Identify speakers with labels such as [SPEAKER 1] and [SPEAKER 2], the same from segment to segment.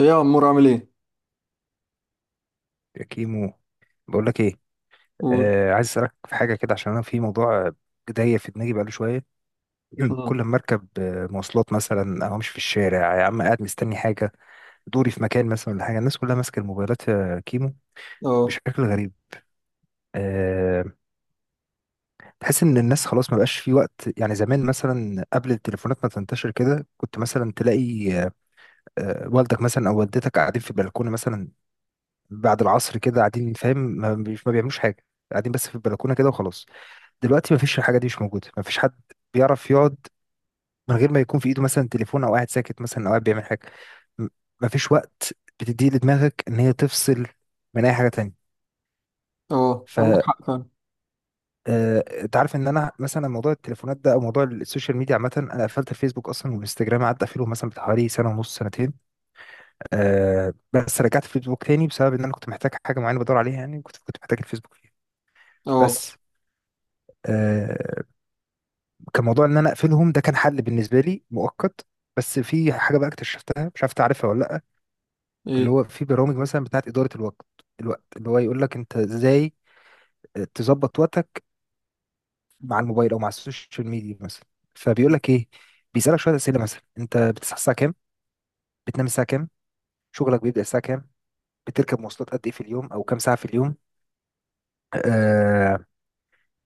[SPEAKER 1] ايه يا عمور عامل ايه؟
[SPEAKER 2] يا كيمو، بقول لك ايه.
[SPEAKER 1] قول.
[SPEAKER 2] عايز اسالك في حاجه كده، عشان انا في موضوع داير في دماغي بقاله شويه.
[SPEAKER 1] مم.
[SPEAKER 2] كل ما اركب مواصلات مثلا او امشي في الشارع يا عم، قاعد مستني حاجه، دوري في مكان مثلا ولا حاجه، الناس كلها ماسكه الموبايلات يا كيمو،
[SPEAKER 1] اه
[SPEAKER 2] بشكل غريب. آه تحس ان الناس خلاص ما بقاش في وقت. يعني زمان مثلا قبل التليفونات ما تنتشر كده، كنت مثلا تلاقي والدك مثلا او والدتك قاعدين في البلكونه مثلا بعد العصر كده، قاعدين فاهم، ما بيعملوش حاجه، قاعدين بس في البلكونه كده وخلاص. دلوقتي مفيش، الحاجه دي مش موجوده، مفيش حد بيعرف يقعد من غير ما يكون في ايده مثلا تليفون، او قاعد ساكت مثلا، او قاعد بيعمل حاجه. م- مفيش وقت بتديه لدماغك ان هي تفصل من اي حاجه تانية.
[SPEAKER 1] اه
[SPEAKER 2] ف
[SPEAKER 1] عندك حق فعلا.
[SPEAKER 2] آه، انت عارف ان انا مثلا موضوع التليفونات ده او موضوع السوشيال ميديا عامه، انا قفلت الفيسبوك اصلا والانستجرام، قعدت اقفله مثلا بتاع حوالي سنه ونص، سنتين. أه بس رجعت الفيسبوك تاني بسبب ان انا كنت محتاج حاجه معينه بدور عليها، يعني كنت محتاج الفيسبوك فيها
[SPEAKER 1] اه.
[SPEAKER 2] بس. آه، كان موضوع ان انا اقفلهم ده كان حل بالنسبه لي مؤقت. بس في حاجه بقى اكتشفتها مش عارف تعرفها ولا لا. اللي
[SPEAKER 1] ايه.
[SPEAKER 2] هو في برامج مثلا بتاعت اداره الوقت، الوقت اللي هو يقول لك انت ازاي تظبط وقتك مع الموبايل او مع السوشيال ميديا مثلا. فبيقول لك ايه، بيسالك شويه اسئله: مثلا انت بتصحى الساعه كام، بتنام الساعه كام، شغلك بيبدا الساعه كام، بتركب مواصلات قد ايه في اليوم او كام ساعه في اليوم، آه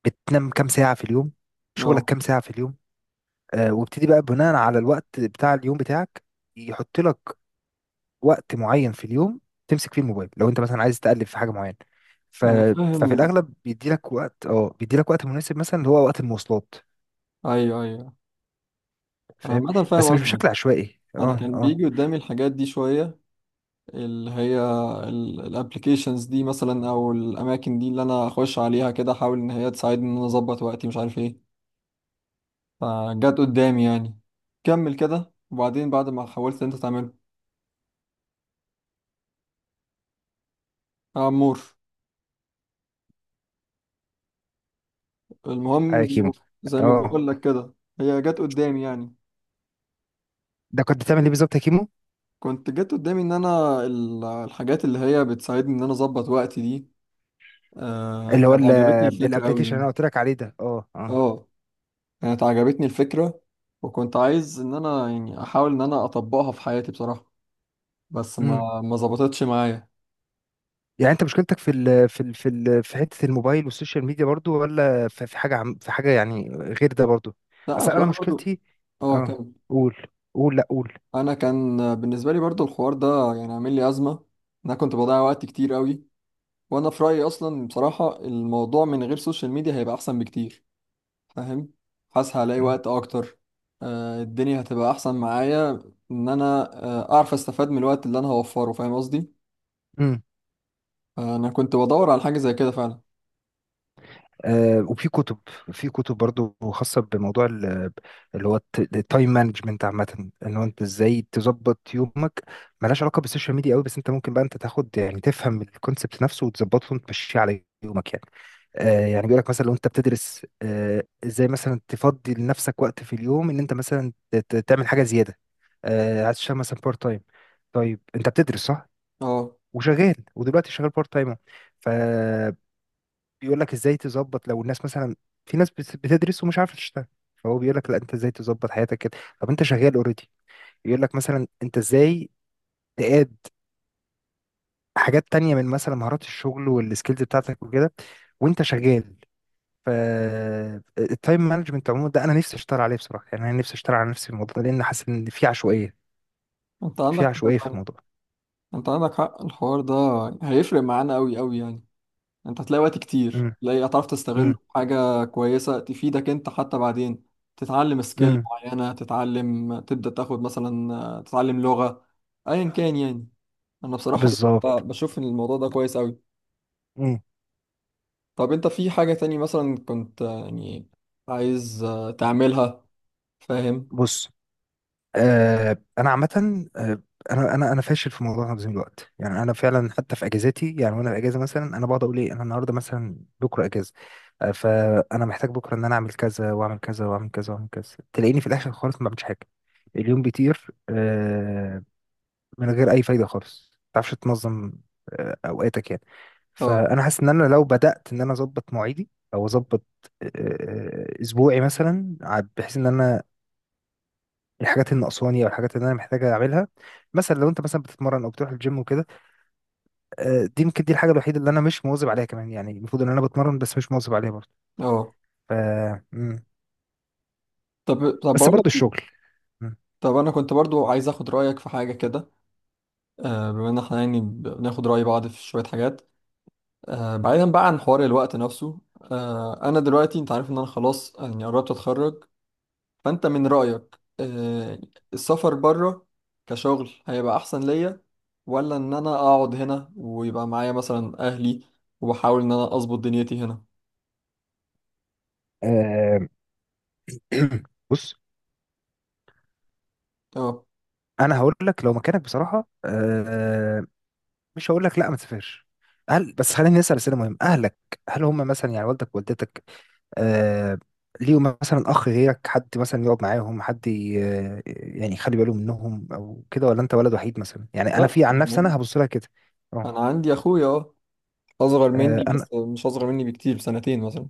[SPEAKER 2] بتنام كام ساعه في اليوم، شغلك
[SPEAKER 1] اه.
[SPEAKER 2] كام ساعه في اليوم. وابتدي بقى بناء على الوقت بتاع اليوم بتاعك، يحط لك وقت معين في اليوم تمسك فيه الموبايل لو انت مثلا عايز تقلب في حاجه معينه. ف...
[SPEAKER 1] انا
[SPEAKER 2] ففي
[SPEAKER 1] فاهم.
[SPEAKER 2] الاغلب بيدي لك وقت، اه بيدي لك وقت مناسب مثلا اللي هو وقت المواصلات.
[SPEAKER 1] ايوه ايوه، انا
[SPEAKER 2] فاهم.
[SPEAKER 1] عامة فاهم
[SPEAKER 2] بس مش
[SPEAKER 1] قصدك.
[SPEAKER 2] بشكل عشوائي.
[SPEAKER 1] انا
[SPEAKER 2] اه،
[SPEAKER 1] كان
[SPEAKER 2] اه.
[SPEAKER 1] بيجي قدامي الحاجات دي شوية، اللي هي الابلكيشنز دي مثلا او الاماكن دي اللي انا اخش عليها كده، احاول ان هي تساعدني ان انا اظبط وقتي مش عارف ايه. فجت قدامي يعني. كمل كده، وبعدين بعد ما حاولت انت تعمله يا عمور المهم
[SPEAKER 2] ايوه
[SPEAKER 1] زي
[SPEAKER 2] كيمو.
[SPEAKER 1] ما زي ما
[SPEAKER 2] اه.
[SPEAKER 1] بقول لك كده هي جت قدامي يعني.
[SPEAKER 2] ده كنت بتعمل ايه بالظبط يا كيمو؟
[SPEAKER 1] كنت جت قدامي ان انا الحاجات اللي هي بتساعدني ان انا اظبط وقتي دي.
[SPEAKER 2] اللي هو
[SPEAKER 1] كانت عجبتني الفكره قوي
[SPEAKER 2] الابلكيشن اللي
[SPEAKER 1] يعني.
[SPEAKER 2] انا قلت لك عليه ده. اه، اه.
[SPEAKER 1] اه، كانت عجبتني الفكره، وكنت عايز ان انا يعني احاول ان انا اطبقها في حياتي بصراحه. بس
[SPEAKER 2] امم.
[SPEAKER 1] ما ظبطتش معايا.
[SPEAKER 2] يعني انت مشكلتك في حته الموبايل والسوشيال ميديا برضو، ولا في حاجه، عم في حاجه يعني غير ده برضو؟
[SPEAKER 1] لا انا
[SPEAKER 2] اصل انا
[SPEAKER 1] بصراحه برضو
[SPEAKER 2] مشكلتي،
[SPEAKER 1] اه
[SPEAKER 2] اه.
[SPEAKER 1] كان،
[SPEAKER 2] قول، قول، لا قول.
[SPEAKER 1] انا كان بالنسبه لي برضو الحوار ده يعني عامل لي ازمه، إن انا كنت بضيع وقت كتير قوي. وانا في رايي اصلا بصراحه الموضوع من غير سوشيال ميديا هيبقى احسن بكتير. فاهم؟ حاسس هلاقي وقت اكتر. الدنيا هتبقى احسن معايا ان انا اعرف استفاد من الوقت اللي انا هوفره. فاهم قصدي؟
[SPEAKER 2] امم.
[SPEAKER 1] انا كنت بدور على حاجه زي كده فعلا.
[SPEAKER 2] وفي كتب، في كتب برضو خاصة اللي هو التايم مانجمنت عامة، ان هو انت ازاي تظبط يومك. ملهاش علاقة بالسوشيال ميديا قوي، بس انت ممكن بقى انت تاخد، يعني تفهم الكونسبت نفسه وتظبطه وتمشيه على يومك يعني. يعني بيقول لك مثلا لو انت بتدرس، ازاي مثلا تفضي لنفسك وقت في اليوم ان انت مثلا تعمل حاجة زيادة، عايز تشتغل مثلا بارت تايم. طيب انت بتدرس صح
[SPEAKER 1] اه.
[SPEAKER 2] وشغال، ودلوقتي شغال بارت تايم. بيقول لك ازاي تظبط. لو الناس مثلا، في ناس بتدرس ومش عارفه تشتغل، فهو بيقول لك لا، انت ازاي تظبط حياتك كده. طب انت شغال اوريدي، يقول لك مثلا انت ازاي تقاد حاجات تانية من مثلا مهارات الشغل والسكيلز بتاعتك وكده وانت شغال. ف التايم مانجمنت عموما ده انا نفسي اشتغل عليه بصراحه، يعني انا نفسي اشتغل على نفسي في الموضوع ده، لان حاسس ان في عشوائيه.
[SPEAKER 1] انت
[SPEAKER 2] في
[SPEAKER 1] عندك
[SPEAKER 2] عشوائيه
[SPEAKER 1] حق
[SPEAKER 2] في
[SPEAKER 1] فعلا.
[SPEAKER 2] الموضوع.
[SPEAKER 1] انت عندك حق الحوار ده هيفرق معانا قوي قوي يعني. انت هتلاقي وقت كتير،
[SPEAKER 2] امم.
[SPEAKER 1] تلاقي هتعرف تستغله
[SPEAKER 2] امم.
[SPEAKER 1] في حاجه كويسه تفيدك انت حتى بعدين. تتعلم سكيل
[SPEAKER 2] امم.
[SPEAKER 1] معينه، تتعلم تبدا تاخد مثلا، تتعلم لغه، ايا كان يعني. انا بصراحه بشوف
[SPEAKER 2] بالظبط.
[SPEAKER 1] بشوف ان الموضوع ده كويس قوي.
[SPEAKER 2] امم.
[SPEAKER 1] طب انت في حاجة تاني مثلا كنت يعني عايز تعملها؟ فاهم؟
[SPEAKER 2] بص. انا عامه، آه، انا انا فاشل في موضوع تنظيم الوقت. يعني انا فعلا حتى في اجازاتي، يعني وانا في اجازه مثلا انا بقعد اقول ايه، انا النهارده مثلا، بكره اجازه، فانا محتاج بكره ان انا اعمل كذا، واعمل كذا، واعمل كذا، واعمل كذا، تلاقيني في الاخر خالص ما بعملش حاجه. اليوم بيطير من غير اي فايده خالص. ما تعرفش تنظم اوقاتك يعني.
[SPEAKER 1] اه.
[SPEAKER 2] فانا حاسس ان انا لو بدات ان انا اظبط مواعيدي او اظبط اسبوعي مثلا، بحيث ان انا الحاجات اللي ناقصاني او الحاجات اللي انا محتاجه اعملها. مثلا لو انت مثلا بتتمرن او بتروح الجيم وكده، دي يمكن دي الحاجه الوحيده اللي انا مش مواظب عليها كمان، يعني المفروض ان انا بتمرن بس مش مواظب عليها برضه.
[SPEAKER 1] اه.
[SPEAKER 2] ف مم.
[SPEAKER 1] طب
[SPEAKER 2] بس
[SPEAKER 1] بقول
[SPEAKER 2] برضه
[SPEAKER 1] لك ايه،
[SPEAKER 2] الشغل. مم.
[SPEAKER 1] طب انا كنت برضو عايز اخد رأيك في حاجة كده. بما ان احنا يعني بناخد رأي بعض في شوية حاجات، بعيدا بقى عن حوار الوقت نفسه، انا دلوقتي انت عارف ان انا خلاص يعني قربت اتخرج. فانت من رأيك السفر بره كشغل هيبقى احسن ليا، ولا ان انا اقعد هنا ويبقى معايا مثلا اهلي، وبحاول ان انا اظبط دنيتي هنا؟
[SPEAKER 2] آه، بص،
[SPEAKER 1] اه.
[SPEAKER 2] انا هقول لك لو مكانك بصراحه، مش هقول لك لا ما تسافرش، هل، بس خليني اسال اسئله مهمه. اهلك هل هم مثلا، يعني والدك ووالدتك، آه ليه مثلا اخ غيرك، حد مثلا يقعد معاهم، حد يعني يخلي باله منهم او كده، ولا انت ولد وحيد مثلا؟ يعني انا
[SPEAKER 1] لا
[SPEAKER 2] في عن نفسي
[SPEAKER 1] يعني
[SPEAKER 2] انا هبص لها كده. اه.
[SPEAKER 1] انا عندي اخويا، اه، اصغر مني
[SPEAKER 2] انا،
[SPEAKER 1] بس مش اصغر مني بكتير، بسنتين مثلا.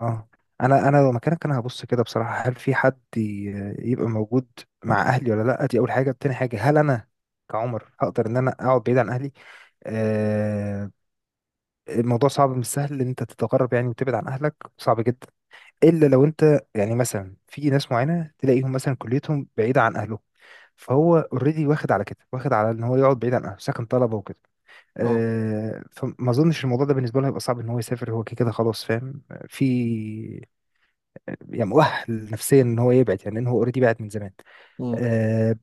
[SPEAKER 2] اه، انا لو مكانك، انا هبص كده بصراحه: هل في حد يبقى موجود مع اهلي ولا لا؟ دي اول حاجه. تاني حاجه، هل انا كعمر هقدر ان انا اقعد بعيد عن اهلي؟ آه الموضوع صعب، مش سهل ان انت تتغرب يعني وتبعد عن اهلك، صعب جدا. الا لو انت يعني مثلا، في ناس معينه تلاقيهم مثلا كليتهم بعيده عن اهلهم، فهو اوريدي واخد على كده، واخد على ان هو يقعد بعيد عن اهله، ساكن طلبه وكده.
[SPEAKER 1] اه.
[SPEAKER 2] فما اظنش الموضوع ده بالنسبه له هيبقى صعب ان هو يسافر، هو كده كده خلاص فاهم، في يعني مؤهل نفسيا ان هو يبعد، يعني ان هو اوريدي بعد من زمان.
[SPEAKER 1] امم.
[SPEAKER 2] آه،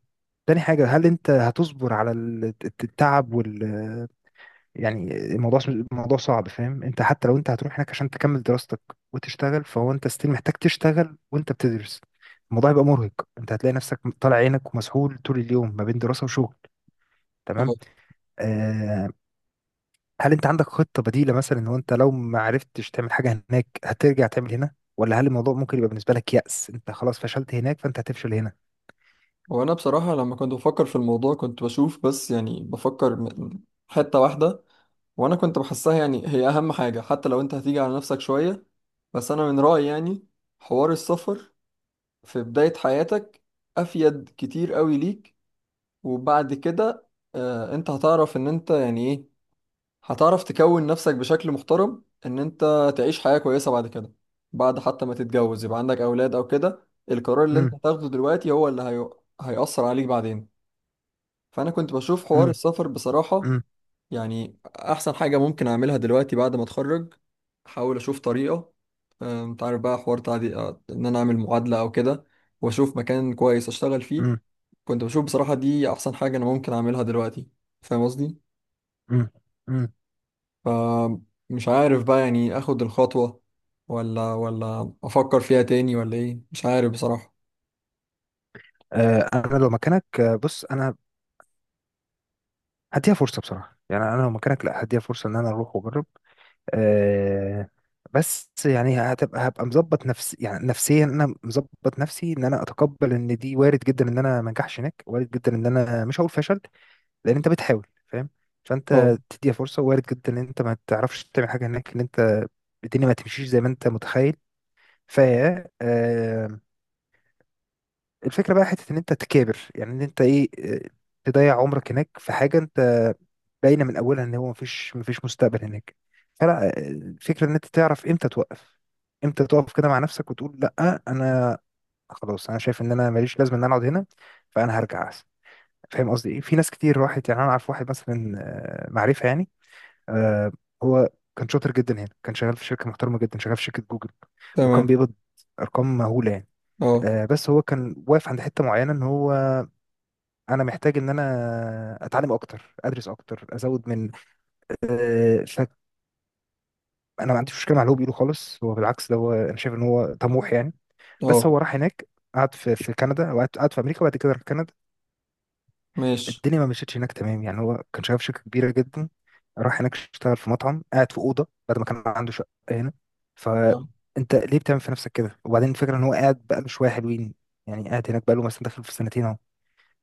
[SPEAKER 2] تاني حاجه، هل انت هتصبر على التعب وال، يعني الموضوع، الموضوع صعب فاهم. انت حتى لو انت هتروح هناك عشان تكمل دراستك وتشتغل، فهو انت ستيل محتاج تشتغل وانت بتدرس، الموضوع هيبقى مرهق. انت هتلاقي نفسك طالع عينك ومسحول طول اليوم ما بين دراسة وشغل. تمام.
[SPEAKER 1] اه.
[SPEAKER 2] آه هل انت عندك خطة بديلة مثلا، ان هو انت لو ما عرفتش تعمل حاجة هناك هترجع تعمل هنا، ولا هل الموضوع ممكن يبقى بالنسبة لك يأس، انت خلاص فشلت هناك فانت هتفشل هنا؟
[SPEAKER 1] وانا بصراحه لما كنت بفكر في الموضوع كنت بشوف بس يعني بفكر حته واحده وانا كنت بحسها يعني هي اهم حاجه، حتى لو انت هتيجي على نفسك شويه. بس انا من رايي يعني حوار السفر في بدايه حياتك افيد كتير قوي ليك. وبعد كده آه انت هتعرف ان انت يعني إيه، هتعرف تكون نفسك بشكل محترم ان انت تعيش حياة كويسة بعد كده. بعد حتى ما تتجوز يبقى عندك اولاد او كده، القرار اللي انت
[SPEAKER 2] امم.
[SPEAKER 1] هتاخده دلوقتي هو اللي هي... هيأثر عليك بعدين. فانا كنت بشوف حوار
[SPEAKER 2] امم.
[SPEAKER 1] السفر بصراحة
[SPEAKER 2] امم.
[SPEAKER 1] يعني احسن حاجة ممكن اعملها دلوقتي بعد ما اتخرج. احاول اشوف طريقة، انت عارف بقى حوار تعدي ان انا اعمل معادلة او كده، واشوف مكان كويس اشتغل فيه.
[SPEAKER 2] امم.
[SPEAKER 1] كنت بشوف بصراحة دي احسن حاجة انا ممكن اعملها دلوقتي. فاهم قصدي؟
[SPEAKER 2] امم. امم.
[SPEAKER 1] فمش عارف بقى يعني اخد الخطوة ولا افكر فيها تاني ولا ايه، مش عارف بصراحة.
[SPEAKER 2] انا لو مكانك، بص، انا هديها فرصة بصراحة. يعني انا لو مكانك، لا هديها فرصة ان انا اروح واجرب. آه بس يعني هبقى مظبط نفسي، يعني نفسيا انا مظبط نفسي ان انا اتقبل ان دي وارد جدا ان انا ما انجحش هناك. وارد جدا، ان انا مش هقول فشل لان انت بتحاول فاهم.
[SPEAKER 1] اه.
[SPEAKER 2] فانت تديها فرصه، وارد جدا ان انت ما تعرفش تعمل حاجه هناك، ان انت الدنيا ما تمشيش زي ما انت متخيل. ف آه، الفكره بقى حته ان انت تكابر، يعني ان انت ايه، تضيع عمرك هناك في حاجه انت باينه من اولها ان هو مفيش مستقبل هناك، فلا. الفكره ان انت تعرف امتى توقف، امتى تقف كده مع نفسك وتقول لا، انا خلاص، انا شايف ان انا ماليش لازمه ان انا اقعد هنا، فانا هرجع احسن. فاهم قصدي ايه. في ناس كتير راحت، يعني انا اعرف واحد مثلا، معرفه يعني، آه هو كان شاطر جدا هنا، كان شغال في شركة محترمة جدا، شغال في شركة جوجل وكان
[SPEAKER 1] تمام.
[SPEAKER 2] بيقبض أرقام مهولة يعني.
[SPEAKER 1] اه.
[SPEAKER 2] بس هو كان واقف عند حتة معينة إن هو أنا محتاج إن أنا أتعلم أكتر، أدرس أكتر، أزود من، آه فأنا ما عنديش مشكلة مع اللي هو بيقوله خالص، هو بالعكس ده، هو أنا شايف إن هو طموح يعني. بس
[SPEAKER 1] اه.
[SPEAKER 2] هو راح هناك، قعد في كندا، وقعد، قعد في أمريكا، وبعد كده راح كندا،
[SPEAKER 1] ماشي.
[SPEAKER 2] الدنيا ما مشيتش هناك تمام. يعني هو كان شغال في شركة كبيرة جدا، راح هناك اشتغل في مطعم، قاعد في أوضة بعد ما كان عنده شقة هنا.
[SPEAKER 1] آه.
[SPEAKER 2] فأنت ليه بتعمل في نفسك كده؟ وبعدين الفكرة إن هو قاعد بقاله شوية حلوين، يعني قاعد هناك بقاله مثلا داخل في سنتين أهو.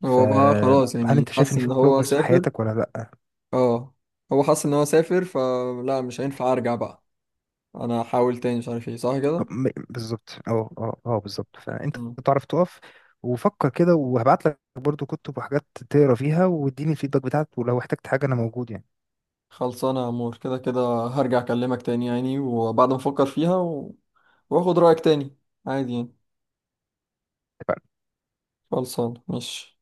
[SPEAKER 1] هو بقى
[SPEAKER 2] فهل
[SPEAKER 1] خلاص
[SPEAKER 2] أنت
[SPEAKER 1] يعني
[SPEAKER 2] شايف
[SPEAKER 1] حس
[SPEAKER 2] إن
[SPEAKER 1] ان
[SPEAKER 2] في
[SPEAKER 1] هو
[SPEAKER 2] بروجرس في
[SPEAKER 1] سافر.
[SPEAKER 2] حياتك ولا لأ؟
[SPEAKER 1] اه. هو حس ان هو سافر، فلا مش هينفع ارجع بقى. انا هحاول تاني، مش عارف ايه، صح كده.
[SPEAKER 2] بالظبط. أه أه أه بالظبط. فأنت
[SPEAKER 1] مم.
[SPEAKER 2] تعرف تقف. وفكر كده، وهبعت لك برضو كتب وحاجات تقرا فيها واديني الفيدباك بتاعك، ولو احتجت حاجة أنا موجود يعني.
[SPEAKER 1] خلصانة يا عمور كده كده. هرجع اكلمك تاني يعني وبعد ما افكر فيها و... واخد رأيك تاني. عادي يعني. خلصانة، ماشي.